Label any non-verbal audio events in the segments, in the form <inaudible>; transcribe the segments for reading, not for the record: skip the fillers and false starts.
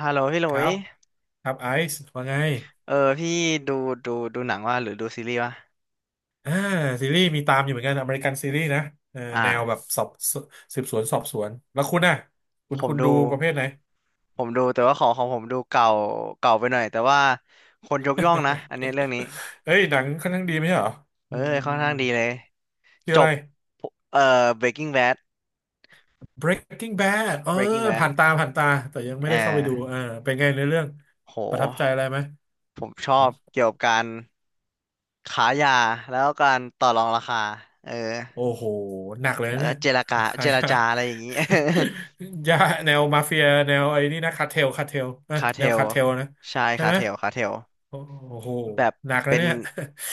ฮัลโหลพี่หคลุรัยบครับไอซ์ว่าไงเออพี่ดูดูหนังว่าหรือดูซีรีส์วะอ่าซีรีส์มีตามอยู่เหมือนกันอเมริกันซีรีส์นะเอออ่าแนวแบบสอบสืบสวนสอบสวนแล้วคุณน่ะคุผณมคุณดูดูประเภทไหน ผมดูแต่ว่าของผมดูเก่าเก่าไปหน่อยแต่ว่าคนยกย่องนะอันนี้เรื่องนี้ <laughs> เอ้ยหนังค่อนข้างดีไหมใช่เหรอเออือมอืมค่อือนมข้าอืงมดีเลยชื่อจอะไร บBreaking Bad Breaking Bad เออ Breaking ผ่า Bad นตาผ่านตาแต่ยังไม่เออได้เข้าไปดูเออเป็นไงในอเรื่องโหประทับใจอะไรไหมผมชอหืบมเกี่ยวกับการขายยาแล้วกันารต่อรองราคาเออโอ้โหหนักเลยแล้นะวก็เนี่ยเจรจาาใครเจรอะ จาอะไรอย่างนี้ <laughs> ยาแนวมาเฟียแนวไอ้นี่นะคาร์เทลคาร์เทล <laughs> นะคาเทแนวลคาร์เทลนะใช่ใช่คาไหม เทลคาเทล โอ้โหแบบหนักแล้วเป็นเนี่ย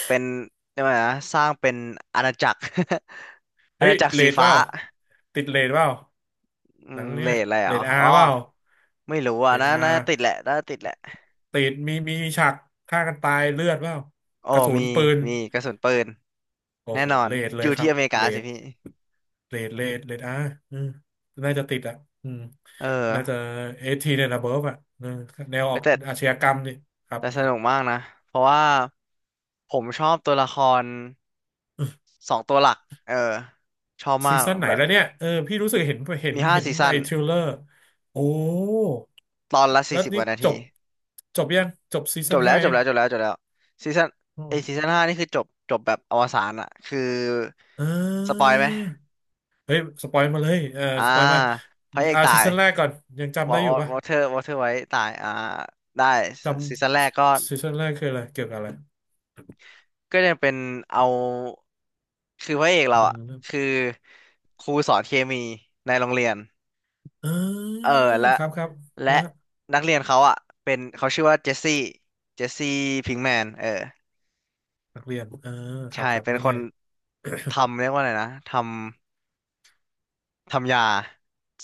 เป็นเรียกว่าไงนะสร้างเป็นอาณาจักร <laughs> <laughs> อาเฮ้ยณาจักรเรสีทเปฟ้าล่าติดเรทเปล่าอืหนัมงเนี่เลยดอะไรเหรเรอทอาอ๋อร์เปล่าไม่รู้อ่ะเรทน่าอาน่าร์จะติดแหละน่าจะติดแหละติดมีฉากฆ่ากันตายเลือดเปล่าโอ้กระสุมีนปืนมีกระสุนปืนโอ้แน่โหนอนเรทเลอยยู่ครัที่บอเมริกาเรสิทพี่เรทอาร์อืมน่าจะติดอ่ะอืมเอน่าจะอเอทีเนี่ยนะเบิร์ฟอ่ะเออแนวอเว้อยกแต่อาชญากรรมนี่ครับแต่สครับนุกมากนะเพราะว่าผมชอบตัวละครสองตัวหลักเออชอบมาซีกซั่นไหนแบบแล้วเนี่ยเออพี่รู้สึกเห็นเห็นมีห้าเห็นซีซั่ไอ้นทริลเลอร์โอ้ ตอนละแล้สี่วสิบกนี่ว่านาจที บจบยังจบซีจซั่นบแล้วห้าจบยังแล้วจบแล้วจบแล้วซีซั่นอ๋ไอซีมซั่นห้านี่คือจบจบแบบอวสานอะคืออ่สปอยาไหมเฮ้ยสปอยมาเลยเอออ่าสปอยมาพระเอกอ่าตาซียซั่นแรกก่อนยังวจำอได้อยู่ปะวอเทอร์ไว้ตายอ่าได้จซีซั่นแรกก็ำซีซั่นแรกคืออะไรเกี่ยวกับอะไรก็ยังเป็นเอาคือพระเอกเรามันอะเริ่มคือครูสอนเคมีในโรงเรียนเอ่เออและครับครับและแล้วนักเรียนเขาอะเป็นเขาชื่อว่าเจสซี่เจสซี่พิงแมนเออนักเรียนเอ่าครัใช่บครับเป็นแล้วคไงนทำเรียกว่าอะไรนะทำ ทำยา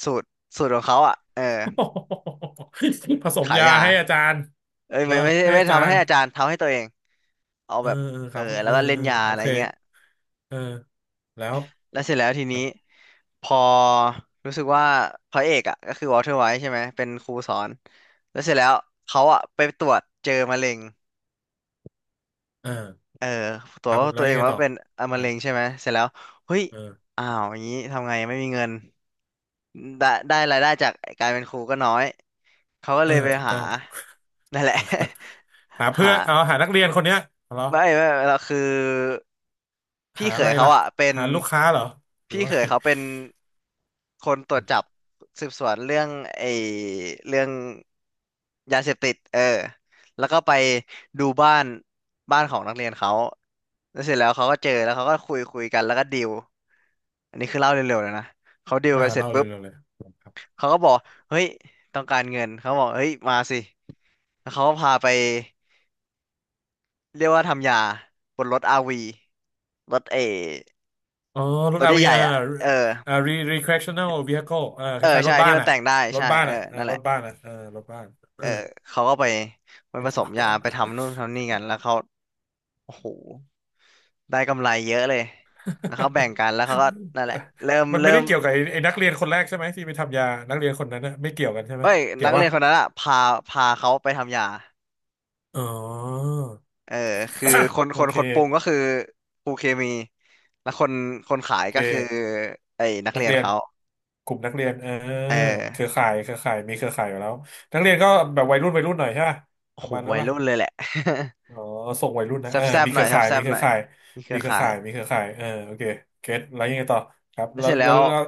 สูตรสูตรของเขาอ่ะเออโอ้โห <laughs> ผสมขายยายาให้อาจารย์เอ้ยเหรอไม่ไม่ไม่ให้ไม่อาจาทำรให้ย์อาจารย์ทำให้ตัวเองเอาเออแบบเออเอคอรับเอแล้อวก็เล่เอนอยาโออะไรเคเงี้ยเออแล้วแล้วเสร็จแล้วทีคนี้รับพอรู้สึกว่าพระเอกอ่ะก็คือวอลเทอร์ไวท์ใช่ไหมเป็นครูสอนแล้วเสร็จแล้วเขาอ่ะไปตรวจเจอมะเร็ง เอ่าเออตัควรับว่าแล้ตัววเอยังงไงว่าต่อเป็นอ่ะคมะรัเร็บงใช่ไหมเสร็จแล้วเฮ้ยเออ อ้าวอย่างนี้ทำไงไม่มีเงินได้ได้รายได้จากการเป็นครูก็น้อยเขาก็เอเลอยไปถูกหาต้อง นั่นแหละ <laughs> หา <laughs> หา เพื่อนเอาหานักเรียนคนเนี้ยเหรอไม่เราคือพี่หาเขอะไรยเขาล่ะอะเป็นหาลูกค้าเหรอหรือพี่ว่าอะเขไรยเขาเป็นคนตรวจจับสืบสวนเรื่องไอ้เรื่องยาเสพติดเออแล้วก็ไปดูบ้านบ้านของนักเรียนเขาแล้วเสร็จแล้วเขาก็เจอแล้วเขาก็คุยกันแล้วก็ดีลอันนี้คือเล่าเร็วๆเลยนะเขาดีลอ่ากันเสร็จเล่าเลปุ๊ยบเล่าเลยครับเขาก็บอกเฮ้ยต้องการเงินเขาบอกเฮ้ยมาสิแล้วเขาก็พาไปเรียกว่าทำยาบนรถอาวี รถเออ๋อรรถถอาร์วีใหญ่อ่าๆอ่ะเอออ่า re recreational vehicle อ่าคเออล้ายๆรใช่ถบ้าที่นมันอ่ะแต่งได้รถใช่บ้านเอออ่ะอ่านั่นแหรถละบ้านอ่ะเออรถบ้านเอเอออเขาก็ไปไปไม่ผทสอ มยาไปทำนู่นทำนี่กันแล้วเขาโอ้โหได้กำไรเยอะเลยแล้วเขาแบ่งกันแล้วเขาก็นั่นแหละเริ่ม <laughs> มันไม่เริ่ได้มเกี่ยวกับไอ้นักเรียนคนแรกใช่ไหมที่ไปทำยานักเรียนคนนั้นนะไม่เกี่ยวกันใช่ไหมเอ้ยเกี่ยนัวกเรีป่ะยนคนนั้นอ่ะพาพาเขาไปทำยาอ๋อ เออคือค <coughs> นโอคนเคคนปรุงก็คือครูเคมีแล้วคนคนขายโอเคก็คือไอ้นักนักเรียนเรียน เขากลุ่มนักเรียนเออเออเครือข่ายเครือข่ายมีเครือข่ายอยู่แล้วนักเรียนก็แบบวัยรุ่นวัยรุ่นหน่อยใช่ปะโอ้ปโหระมาณนั้นวัยปะรุ่นเลยแหละ อ๋อส่งวัยรุ่น <laughs> แนะเออซบมีๆหเคน่อรืยอข่ายแซมีบเคๆหรืน่ออยข่ายมีเครืมีอเครือข่าย ข่ายมีเครือข่ายเออโอเคเก็ตแล้วยังไงต่อครับแล้เสวร็จแล้แล้ววแล้ว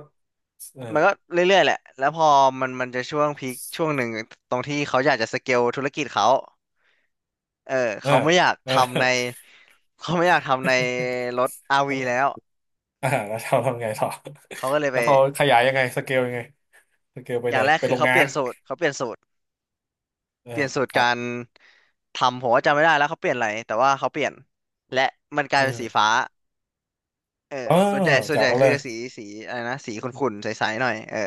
เออมันก็เรื่อยๆแหละแล้วพอมันจะช่วงพีคช่วงหนึ่งตรงที่เขาอยากจะสเกลธุรกิจเขาเออเออเขาไม่อยากเออ ทำในเขาไม่อยากทำในรถ RV แล้ว <laughs> อ่าแล้วเราทำไงต่อ เขาก็เลย <laughs> แล้ไปวเขาขยายยังไงสเกลยังไงสเกลไปอไหนย่างแรกไปคืโรองเขาเปงาลี่ยนนสูตรเขาเปลี่ยนสูตรเออเปลี่ยนสูตครรักาบรทำผมว่าจำไม่ได้แล้วเขาเปลี่ยนอะไรแต่ว่าเขาเปลี่ยนและมันกลายเป็นสีเออฟ้าเออเออส่วนใหญ่ส่วนแจ๋ใหญ่วเลคือยจะสีสีอะไรนะสีขุ่นๆใสๆหน่อยเออ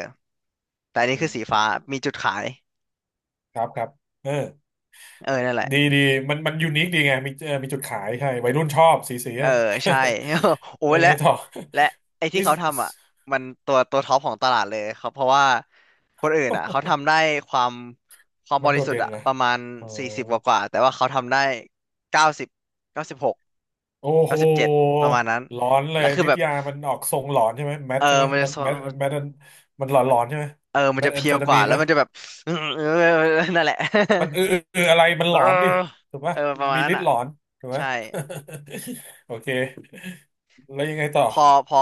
แต่อันนี้อืคือสีฟ้ามมีจุดขายครับครับเออ เออนั่นแหละ ดีดีมันมันยูนิคดีไงมีเออมีจุดขายใช่วัยรุ่นชอบสีสีเอออะ ใช่ <laughs> <laughs> โอ้อะไรยและไงต่อและไอ้ที่นี่ เขาทำอ่ะมันตัวท็อปของตลาดเลยครับเพราะว่าคนอื่นอ่ะเขาทำได้ <laughs> ความความมับนโดริดสุทเด่ธิ์นอ่ะนะประมาณอ๋อสี่สิบกว่าแต่ว่าเขาทำได้เก้าสิบ96โอ้โห97ประมาณนั้นหลอนเลแล้ยวคือฤทแบธิ์บยามันออกทรงหลอนใช่ไหมแมเอทอใช่ไหมมันจะมันสแมทแมทมันหลอนมัหลนอนใช่ไหมเออมันแมจะทแอเพมรีเฟยวตากว่ามีนแล้ไหมวมันจะแบบ <laughs> นั่นแหละ มันเออเอออะไรมั <laughs> นเอหลออนดิถูกเอปะอประมาณมีนั้นฤทธิ์อ่ะหลอนถูกไหม ใช่ <laughs> โอเคแล้วยังไงต่อพอพอ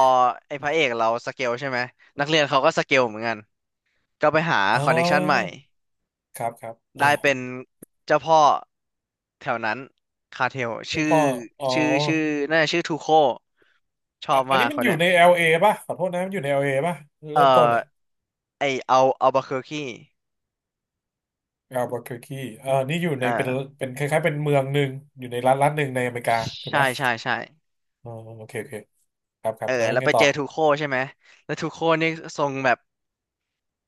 ไอ้พระเอกเราสเกลใช่ไหมนักเรียนเขาก็สเกลเหมือนกัน ก็ไปหาอ๋อคอนเน t ชันใหม่ครับครับเออได้เป็นเจ้าพ่อแถวนั้นคาเทลชื่อพ่ออ๋อ ชื่อชื่อน่าจะชื่อทูโคชออ่ะบอันมากนี้คมันนอยู่เนี้ยใน LA ป่ะขอโทษนะมันอยู่ใน LA ป่ะเอ่เริ่มต้นออ่ะ ไอเอาบาเคอร์คี Albuquerque เอ่านี่อยู่เอในเป็นอเป็นคล้ายๆเป็นเมืองหนึ่งอยู่ในรัฐหนึ่งในอเมริกาถูกใช่ป่ะใช่ใช่อ๋อโอเคโอเคครับคเอรับอแล้วแล้วไงไปต่เจออทูโคใช่ไหมแล้วทูโคนี่ทรงแบบ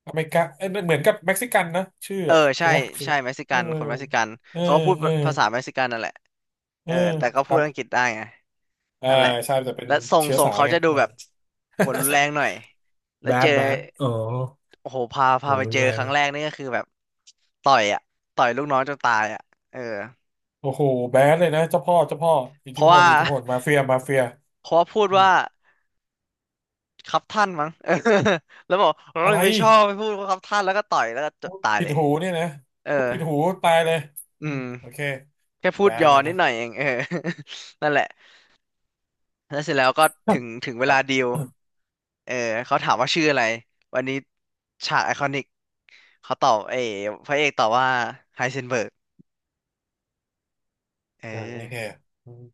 อเมริกาเอ้ยเหมือนกับเม็กซิกันนะชื่อเอออะถูใช่กป่ะถูใช่กเม็กซิเอกัอนคนเม็กซิกันเออเขาก็พูดเออภาษาเม็กซิกันนั่นแหละเอเอออแต่ก็คพูรัดบอังกฤษได้ไงอ่านั่นแหละใช่แต่เป็นและทรงเชื้อทรงสายเขาไงจะดูอ่า แบบหัวรุนแรงหน่อย <laughs> แล้แบวเจดอ แบดอ๋อโอ้โหพาโหพาไปรุเจนอแรคงรั้งแรกนี่ก็คือแบบต่อยอ่ะต่อยลูกน้องจนตายอ่ะเออโอ้โหแบดเลยนะเจ้าพ่อเจ้าพ่ออิทเพธิราะพลว่า อิทธิพลมาเฟียมาเฟีย <laughs> เพราะว่าพูดอืมว่าครับท่านมั้ง <laughs> เออแล้วบอกเฮ้อะยไร ไม่ชอบไม่พูดว่าครับท่านแล้วก็ต่อยแล้วก็จตายผิเลดยหูเนี่ยนะเออพูดผิดหูตายเลยอือืมมโอเคแค่พูแบดยนอเลยนินะดหน่อยเองเออ <laughs> นั่นแหละแล้วเสร็จแล้วก็ถึงเวครัลาบ ดีล <coughs> เออเขาถามว่าชื่ออะไรวันนี้ฉากไอคอนิกเขาตอบเออพระเอกตอบว่าไฮเซนเบิร์กเนั่นนี่แค่ออ อืม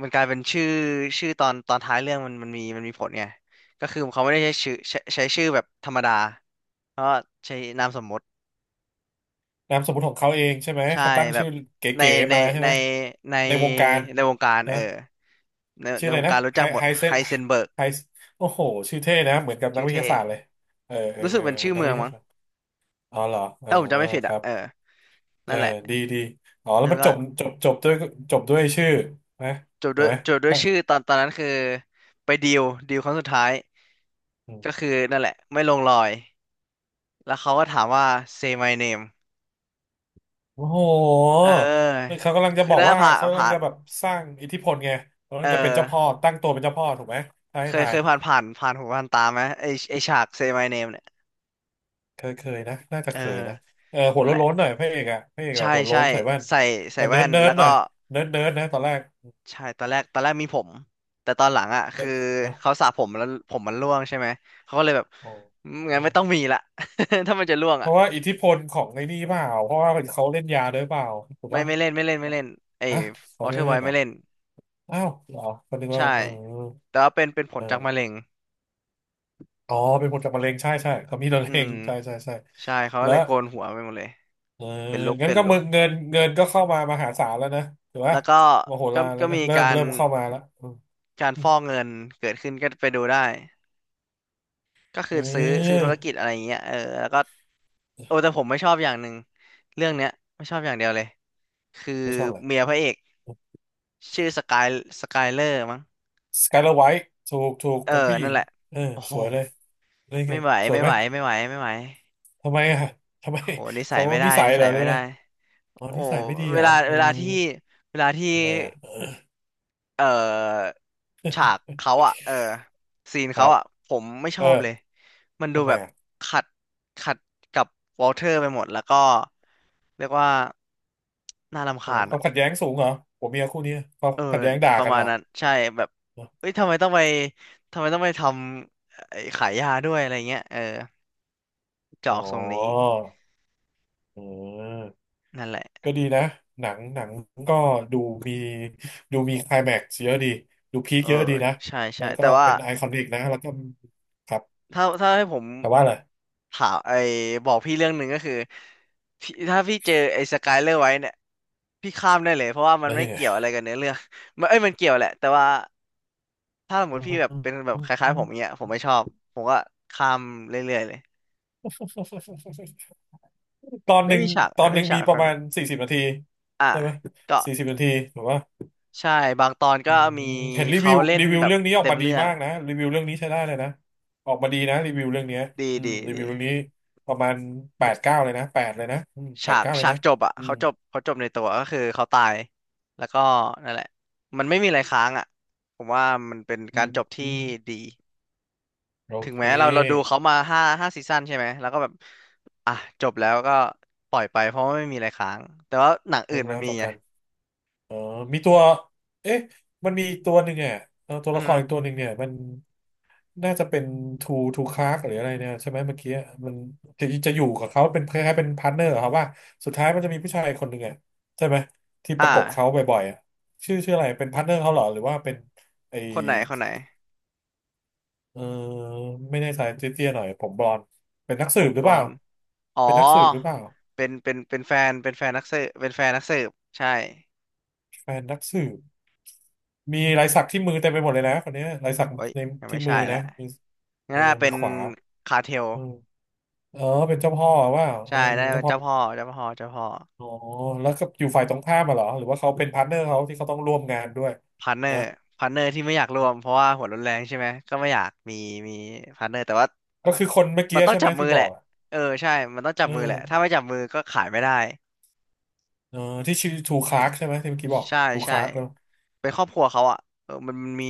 มันกลายเป็นชื่อชื่อตอนท้ายเรื่องมันมีมีผลไงก็คือเขาไม่ได้ใช้ชื่อใช้ชื่อแบบธรรมดาเพราะใช้นามสมมตินามสมมติของเขาเองใช่ไหมใช่เขาตั้งแบชื่บอในเก๋ๆในมาใช่ในไหมในในวงการในวงการเอนะอในชื่อในอะวไรงนะการรู้ไฮจักหมดไฮเซไฮนเซนเบิร์กไฮโอ้โหชื่อเท่นะเหมือนกับนัชื่กอวิทเท่ยาศาสตร์เลยเออเออรู้สึเอกอเป็นเหมืชื่อนอนักเมือวิงทมั้ยางศาสตร์อ๋อเหรอเออถ้าผมจำไม่ผิดคอ่ะรับเออเออนั่นแหละดีดีอ๋อแล้วแล้วมันก็จบจบจบด้วยจบด้วยชื่อนะจบถูด้กวยไหม จบด้วยชื่อตอนตอนนั้นคือไปดีลดีลครั้งสุดท้ายก็คือนั่นแหละไม่ลงรอยแล้วเขาก็ถามว่า say my name โอ้โหเคือออเขากำลังจะคืบออกได้ว่าผ่านเขากำลังผ่านจะแบบสร้างอิทธิพลไงเขากำเอลัองจะเป็นเจ้าพ่อตั้งตัวเป็นเจ้าพ่อถูกไหมถ้าให้เคยทาเคยยผ่านผ่านหูผ่านตาไหมไอฉาก Say My Name เนี่ยเคยเคยนะน่าจะเออเคยนะเออหัวนั่นแหละโล้นๆหน่อยพระเอกอะพระเอกแบใช่บหัวโล้ใช่นใส่แว่นใส่ใส่ล้วเนิแว่ร์ดนเนิร์แล้ดวหก็น่อยเนิร์ดเนิร์ดนะตอนแรกใช่ตอนแรกตอนแรกมีผมแต่ตอนหลังอ่ะเออคือฮะเขาสระผมแล้วผมมันร่วงใช่ไหมเขาก็เลยแบบโออืมโองั้นไม่ต้องมีละ <laughs> ถ้ามันจะร่วงเพอ่ะราะว่าอิทธิพลของในนี่เปล่าเพราะว่าเขาเล่นยาด้วยเปล่าถูกไม่ปะไม่เล่นไม่เล่นไอ้ฮะเขาวอไม่เทอได้ร์ไวเล่นเหรไม่อเล่นอ้าวเหรอก็นึกว่าใช่เออแต่ว่าเป็นเป็นผเอลจากมะอเร็งอ๋อเป็นผลจากมะเร็งใช่ใช่เขามีมะอืเร็มงใช่ใช่ใช่ใช่เขาก็แล้ว เลยโกนหัวไปหมดเลยเออเป็นลุกงั้นเป็นก็ลุมึก งเงินก็เข้ามามหาศาลแล้วนะถือว่าแล้วก็มโหก็ ฬารแล้ก็วนะมีเริ่กามรเริ่มเข้ามาแล้วการอืฟมอกเงิน เกิดขึ้นก็ไปดูได้ ก็คือซื้อเอธุอรกิจอะไรอย่างเงี้ยเออแล้วก็โอ้แต่ผมไม่ชอบอย่างหนึ่งเรื่องเนี้ยไม่ชอบอย่างเดียวเลยคือไม่ชอบเลยเมียพระเอกชื่อสกายสกายเลอร์มั้งสกายเลอร์ไวท์ถูกเออเป็นผู้หญินั่นงแหละเออโอ้โหสวยเลยได้ไงไม่ไหว สวยไม่ไหมไหว ไม่ไหวไม่ไหวทำไมอ่ะทำไมโหนิสัยเขาไม่ได้นิสัยนิเหรสัอยหรือไม่อะได้ไรอ๋อโอ้นิสัยไม่ดีเวเหรอลาอืเวลามที่เวลาที่ ทำไมอ่ะเอ่อฉากเขาอ่ะเออซีนครัเขาบอ่ะผมไม่ชเอออบเลย มันดูทำไมแบบอ่ะขัดขัดกับวอลเทอร์ไปหมดแล้วก็เรียกว่าน่ารำทำไมคาญควาอ่ะมขัดแย้งสูงเหรอผัวเมียคู่นี้ความเออขัดแย้งด่าประกันมาเหณรอนั้นใช่แบบเอ้ยทำไมต้องไปทำไอ้ขายยาด้วยอะไรเงี้ย เออจะอ๋อออกทรงนี้เออ นั่นแหละ ก็ดีนะ หนังก็ดูมีดูมีไคลแม็กซ์เยอะดีดูพีคเออเยอะดีนะใช่แล้ใช่วก็แต่ว่า เป็นไอคอนิกนะแล้วก็ครับถ้าให้ผมแต่ว่าอะไรถามไอ้บอกพี่เรื่องหนึ่งก็คือพี่ถ้าพี่เจอไอ้สกายเลอร์ไว้เนี่ยพี่ข้ามได้เลยเพราะว่ามันแล้วไม่ยังไง เกี่ยวอะไรกับเนื้อเรื่อง <laughs> มันเอ้ยมันเกี่ยวแหละแต่ว่าถ้าสมมติพี่แบบเป็นแบบคล้ายๆผมเนี้ยผมไม่ชอบผมก็ข้ามเรื่อยๆเลย <laughs> ตอนหไม่นึ่งมีฉากตอนหไม่นึ่งมีฉามีกไอปคระอมานิณกสี่สิบนาทีอ่ะใช่ไหมก็สี่สิบนาทีถูกป่ะใช่บางตอนอืก็มมีเห็นรีวิเขาวเล่นรีวิวแบบเรื่องนี้ออกเต็มมาดีเรื่องมากนะรีวิวเรื่องนี้ใช้ได้เลยนะออกมาดีนะรีวิวเรื่องเนี้ยดีอืมดีรีวิดี วเรื่องนี้ประมาณแปดเก้าเลยนะแปดเลยนะอืมแปฉาดกเก้าเลยฉากนะจบอะอืเขามจบเขาจบในตัวก็คือเขาตายแล้วก็นั่นแหละมันไม่มีอะไรค้างอะผมว่ามันเป็นอืการมจบอืที่ม ดีโอถึงเคแม้เราดูเขามาห้าซีซั่นใช่ไหมแล้วก็แบบอ่ะจบแล้วก็ปล่อยไปเพราะว่าไม่มีอะไรค้างแต่ว่าหนังเลิอื่กนมัแล้นวมีต่อไงกันเออมีตัวเอ๊ะมันมีอีกตัวหนึ่งอ่ะเออตัวอือละคฮึรอีกตัวหนึ่งเนี่ยมันน่าจะเป็นทูคาร์กหรืออะไรเนี่ยใช่ไหมเมื่อกี้มันจะอยู่กับเขาเป็นคล้ายๆเป็นพาร์ทเนอร์ครัว่าสุดท้ายมันจะมีผู้ชายคนหนึ่งอ่ะใช่ไหมที่ปอ่ระกบเขาาบ่อยๆอะชื่ออะไรเป็นพาร์ทเนอร์เขาเหรอหรือว่าเป็นไอคนไหนเออไม่แน่ใจเตี้ยๆหน่อยผมบลอนด์เป็นนักผสืบมหรืบอลเปอล่านด์อ๋อเป็นนักสืบหรือเปล่าเป็นเป็นแฟนนักสืบเป็นแฟนนักสืบใช่แฟนนักสืบ มีลายสักที่มือเต็มไปหมดเลยนะคนเนี้ยลายสักโอ้ยในยังที่ไม่มือใช่แหนะละมืองั้เอนอน่าเป็มือนขวาคาร์เทล เออเออเป็นเจ้าพ่อว่าเอใช่อได้เป็นเป็เจ้านพ่อเจ้าพ่อเจ้าพ่ออ๋อแล้วก็อยู่ฝ่ายตรงข้ามมาเหรอหรือว่าเขาเป็นพาร์ทเนอร์เขาที่เขาต้องร่วมงานด้วยพาร์ทเนอนะร์พาร์ทเนอร์ที่ไม่อยากรวมเพราะว่าหัวรุนแรงใช่ไหมก็ไม่อยากมีมีพาร์ทเนอร์แต่ว่าก็คือคนเมื่อมักี้นต้องใช่ไหมจับมืที่อบแหอละกอะเออใช่มันต้องจับเอมือแหละถ้าอไม่จับมือก็ขายไม่ได้เออที่ชื่อทูคลาร์กใช่ไหมที่เมื่อกี้บอกใช่ทูคใช่ลาร์กแล้วเป็นครอบครัวเขาอ่ะเออมันมี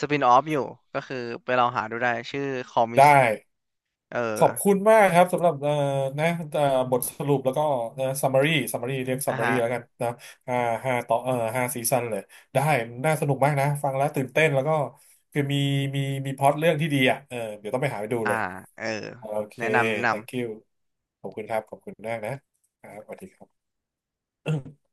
สปินออฟอยู่ก็คือไปลองหาดูได้ชื่อคอมิได้ สเออขอบคุณมากครับสำหรับนะเอ่อบทสรุปแล้วก็นะ summary เรียก อ่ะฮะ summary แล้วกันนะอ่าห้าต่อเอ่อ5 ซีซันเลยได้น่าสนุกมากนะฟังแล้วตื่นเต้นแล้วก็คือมีมีพล็อตเรื่องที่ดีอ่ะเออเดี๋ยวต้องไปหาไปดูอ่าเลยเออโอเค แนะนำแนะนำ thank you ขอบคุณครับขอบคุณมากนะครับสวัสดีครับ